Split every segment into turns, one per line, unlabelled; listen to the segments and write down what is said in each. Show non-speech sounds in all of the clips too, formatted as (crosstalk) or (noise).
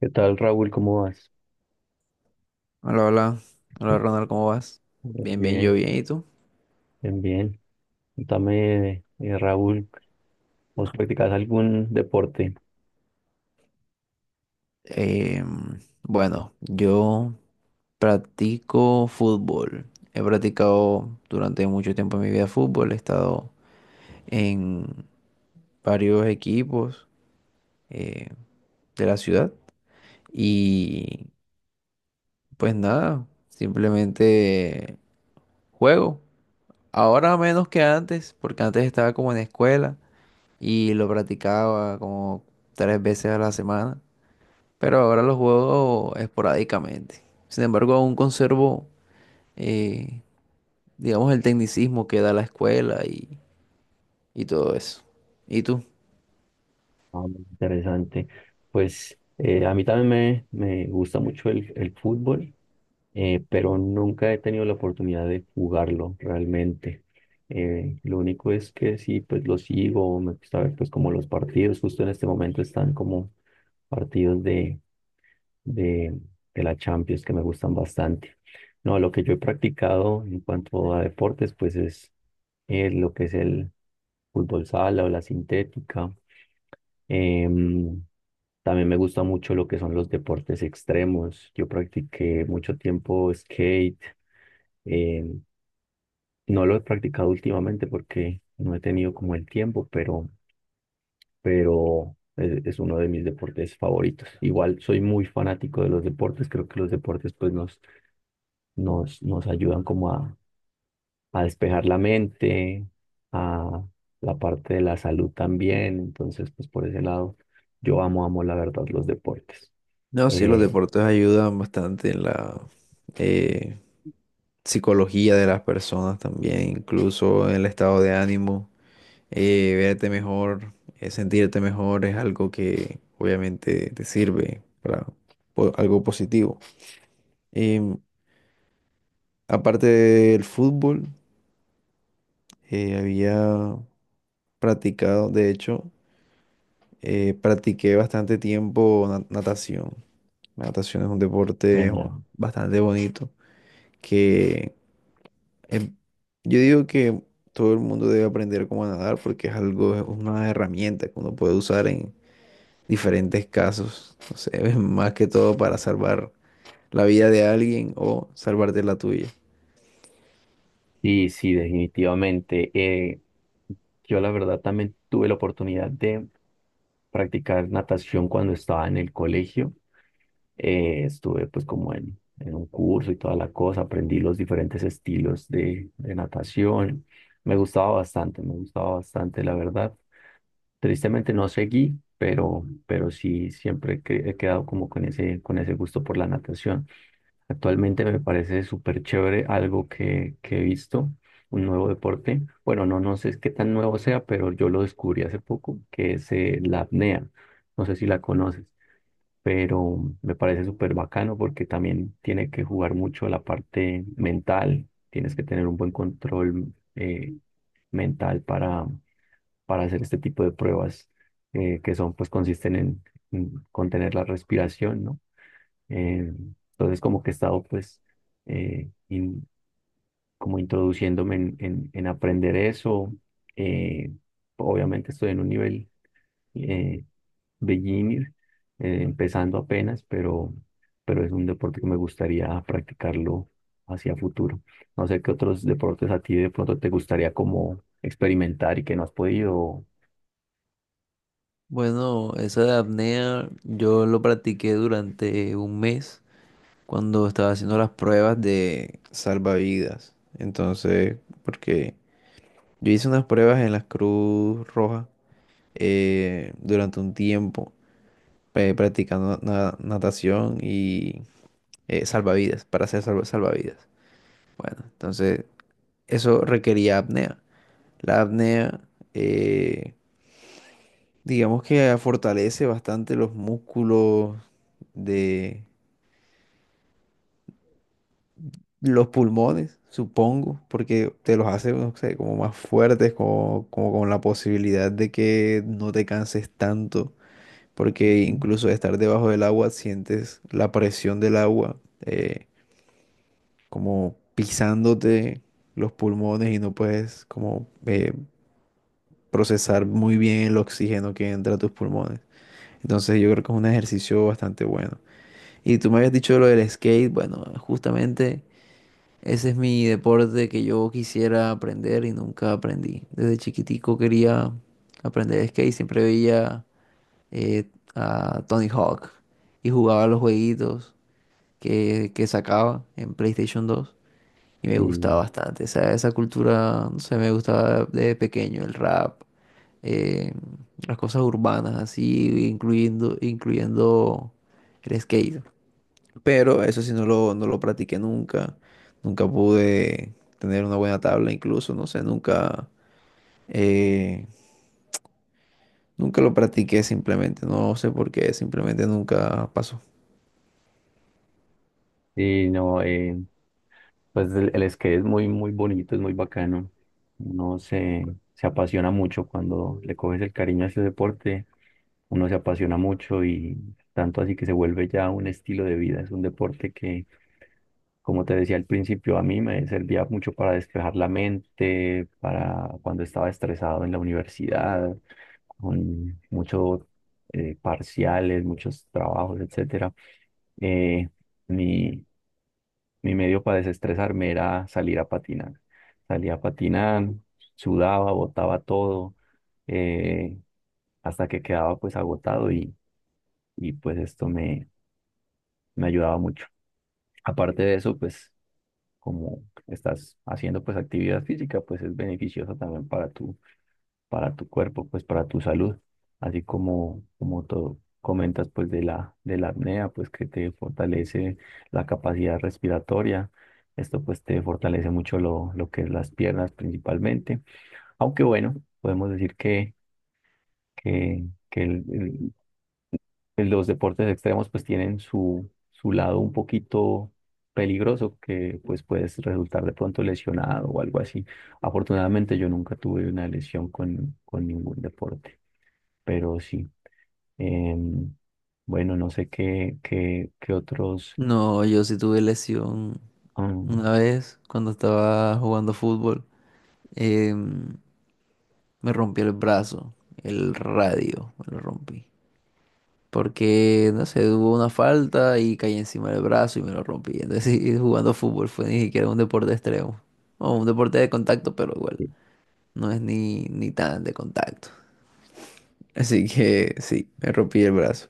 ¿Qué tal, Raúl? ¿Cómo vas?
Hola, hola. Hola, Ronald, ¿cómo vas? Bien, bien, yo
Bien,
bien, ¿y tú?
bien, bien. Cuéntame, Raúl, ¿vos practicás algún deporte?
Bueno, yo practico fútbol. He practicado durante mucho tiempo en mi vida fútbol. He estado en varios equipos eh, de la ciudad. Y pues nada, simplemente juego. Ahora menos que antes, porque antes estaba como en escuela y lo practicaba como 3 veces a la semana, pero ahora los juego esporádicamente. Sin embargo, aún conservo, eh, digamos, el tecnicismo que da la escuela y todo eso. ¿Y tú?
Ah, interesante. Pues a mí también me gusta mucho el fútbol, pero nunca he tenido la oportunidad de jugarlo realmente. Lo único es que sí, pues lo sigo, me gusta ver pues como los partidos, justo en este momento están como partidos de, de la Champions que me gustan bastante. No, lo que yo he practicado en cuanto a deportes, pues es lo que es el fútbol sala o la sintética. Em, También me gusta mucho lo que son los deportes extremos. Yo practiqué mucho tiempo skate. em, no lo he practicado últimamente porque no he tenido como el tiempo, pero es uno de mis deportes favoritos. Igual soy muy fanático de los deportes. Creo que los deportes pues nos ayudan como a despejar la mente, a la parte de la salud también. Entonces, pues por ese lado, yo amo la verdad los deportes.
No, sí, los
Eh,
deportes ayudan bastante en la eh, psicología de las personas también, incluso en el estado de ánimo, verte mejor, sentirte mejor es algo que obviamente te sirve para algo positivo. Em, Aparte del fútbol, había practicado, de hecho, practiqué bastante tiempo natación. La natación es un deporte jo,
Genial.
bastante bonito que em, yo digo que todo el mundo debe aprender cómo nadar porque es algo, es una herramienta que uno puede usar en diferentes casos, no sé, (laughs) más que todo para salvar la vida de alguien o salvarte la tuya.
Sí, sí, definitivamente. Yo la verdad también tuve la oportunidad de practicar natación cuando estaba en el colegio. Estuve pues como en un curso y toda la cosa, aprendí los diferentes estilos de natación. Me gustaba bastante, la verdad. Tristemente no seguí, pero sí siempre he quedado como con con ese gusto por la natación. Actualmente me parece súper chévere algo que he visto, un nuevo deporte. Bueno, no sé qué tan nuevo sea, pero yo lo descubrí hace poco, que es la apnea. No sé si la conoces, pero me parece súper bacano porque también tiene que jugar mucho la parte mental. Tienes que tener un buen control mental para hacer este tipo de pruebas que son, pues consisten en contener la respiración, ¿no? Eh, entonces como que he estado pues eh, in- como introduciéndome en aprender eso. Eh, obviamente estoy en un nivel eh, beginner, empezando apenas, pero es un deporte que me gustaría practicarlo hacia futuro. No sé qué otros deportes a ti de pronto te gustaría como experimentar y que no has podido.
Bueno, esa de apnea yo lo practiqué durante un mes, cuando estaba haciendo las pruebas de salvavidas. Entonces, porque yo hice unas pruebas en la Cruz Roja durante un tiempo, practicando natación y salvavidas, para hacer salvavidas. Bueno, entonces eso requería apnea. La apnea, eh, digamos que fortalece bastante los músculos de los pulmones, supongo, porque te los hace, no sé, como más fuertes, como, como con la posibilidad de que no te canses tanto, porque
Ujú.
incluso de estar debajo del agua sientes la presión del agua como pisándote los pulmones y no puedes como procesar muy bien el oxígeno que entra a tus pulmones. Entonces yo creo que es un ejercicio bastante bueno. Y tú me habías dicho lo del skate, bueno, justamente... Ese es mi deporte que yo quisiera aprender y nunca aprendí. Desde chiquitico quería aprender skate, siempre veía eh, a Tony Hawk y jugaba los jueguitos que sacaba en PlayStation 2 y me gustaba
Sí.
bastante. Esa cultura, no sé, me gustaba de pequeño, el rap, eh, las cosas urbanas así, incluyendo, incluyendo el skate. Pero eso sí no lo practiqué nunca. Nunca pude tener una buena tabla incluso, no sé, nunca, eh, nunca lo practiqué simplemente. No sé por qué, simplemente nunca pasó.
Y no, pues el skate es muy, muy bonito, es muy bacano. Uno se apasiona mucho cuando le coges el cariño a ese deporte. Uno se apasiona mucho y tanto así que se vuelve ya un estilo de vida. Es un deporte que, como te decía al principio, a mí me servía mucho para despejar la mente, para cuando estaba estresado en la universidad, con muchos parciales, muchos trabajos, etcétera. Eh, mi, mi medio para desestresarme era salir a patinar. Salía a patinar, sudaba, botaba todo, eh, hasta que quedaba pues agotado y pues esto me ayudaba mucho. Aparte de eso, pues como estás haciendo pues actividad física, pues es beneficioso también para para tu cuerpo, pues para tu salud, así como, como tú comentas pues de de la apnea, pues que te fortalece la capacidad respiratoria, esto pues te fortalece mucho lo que es las piernas principalmente, aunque bueno, podemos decir que pues, los deportes extremos pues tienen su lado un poquito peligroso que pues puedes resultar de pronto lesionado o algo así. Afortunadamente yo nunca tuve una lesión con ningún deporte, pero sí. Em, bueno, no sé qué otros...
No, yo sí tuve lesión
Am,
una vez cuando estaba jugando fútbol. em, me rompí el brazo, el radio, me lo rompí. Porque, no sé, hubo una falta y caí encima del brazo y me lo rompí. Entonces, (laughs) y jugando fútbol fue ni siquiera un deporte extremo. O un deporte de contacto, pero igual, no es ni, ni tan de contacto. (laughs) Así que sí, me rompí el brazo.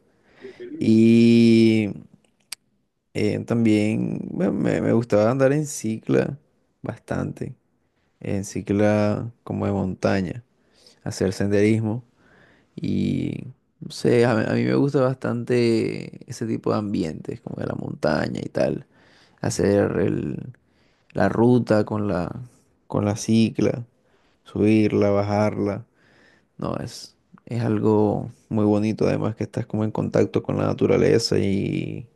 Y también bueno, me gustaba andar en cicla bastante. En cicla como de montaña, hacer senderismo. Y no sé, a mí me gusta bastante ese tipo de ambientes, como de la montaña y tal. Hacer la ruta con la cicla, subirla, bajarla. No, es algo muy bonito, además que estás como en contacto con la naturaleza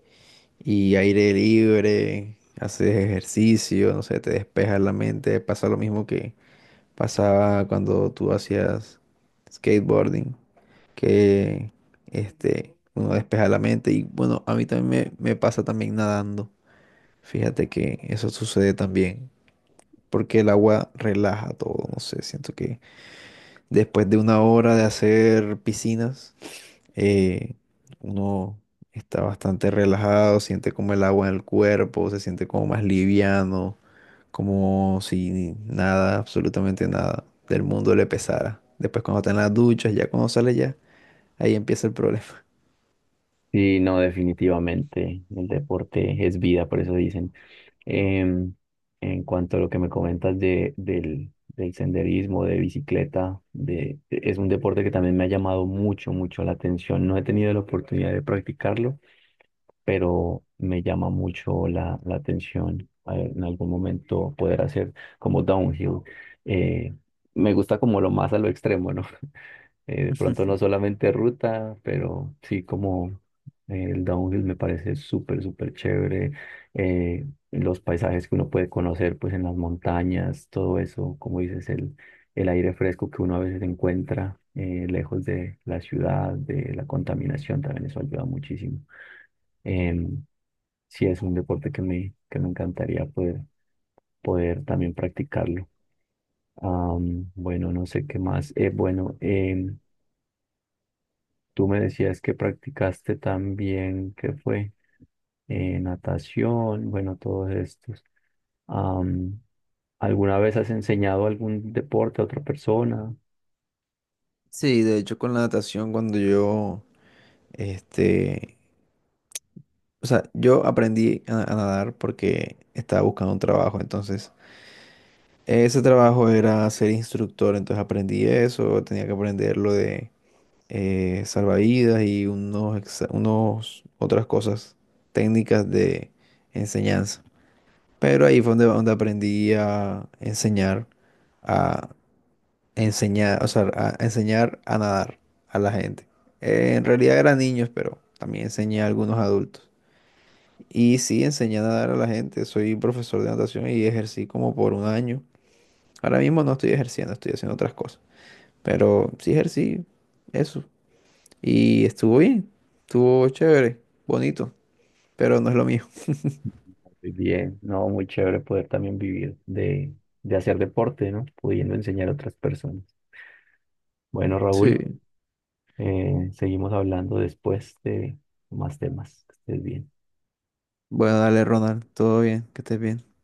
y aire libre, haces ejercicio, no sé, te despejas la mente. Pasa lo mismo que pasaba cuando tú hacías skateboarding que este, uno despeja la mente. Y bueno, a mí también me pasa también nadando. Fíjate que eso sucede también, porque el agua relaja todo. No sé, siento que después de una hora de hacer piscinas, eh, uno está bastante relajado, siente como el agua en el cuerpo, se siente como más liviano, como si nada, absolutamente nada del mundo le pesara. Después cuando está en las duchas, ya cuando sale ya, ahí empieza el problema.
sí, no, definitivamente. El deporte es vida, por eso dicen. Em, en cuanto a lo que me comentas del senderismo, de bicicleta, de, es un deporte que también me ha llamado mucho, mucho la atención. No he tenido la oportunidad de practicarlo, pero me llama mucho la atención a ver, en algún momento poder hacer como downhill. Eh, me gusta como lo más a lo extremo, ¿no? De
(laughs)
pronto no solamente ruta, pero sí como el downhill me parece súper, súper chévere. Los paisajes que uno puede conocer pues en las montañas, todo eso, como dices, el aire fresco que uno a veces encuentra lejos de la ciudad, de la contaminación, también eso ayuda muchísimo. Em, sí, es un deporte que me encantaría poder también practicarlo. Am, bueno, no sé qué más. Bueno, tú me decías que practicaste también, ¿qué fue? Natación, bueno, todos estos. Am, ¿alguna vez has enseñado algún deporte a otra persona?
Sí, de hecho con la natación cuando yo, este, o sea, yo aprendí a nadar porque estaba buscando un trabajo, entonces ese trabajo era ser instructor, entonces aprendí eso, tenía que aprender lo de salvavidas y unos, unos otras cosas técnicas de enseñanza. Pero ahí fue donde, donde aprendí a enseñar enseñar, o sea, a enseñar a nadar a la gente. En realidad eran niños, pero también enseñé a algunos adultos. Y sí, enseñé a nadar a la gente. Soy profesor de natación y ejercí como por un año. Ahora mismo no estoy ejerciendo, estoy haciendo otras cosas. Pero sí ejercí eso. Y estuvo bien, estuvo chévere, bonito, pero no es lo mío.
Muy bien, no, muy chévere poder también vivir de hacer deporte, ¿no? Pudiendo enseñar a otras personas. Bueno, Raúl,
Sí.
seguimos hablando después de más temas. Que estés bien.
Bueno, dale, Ronald, todo bien, que estés bien.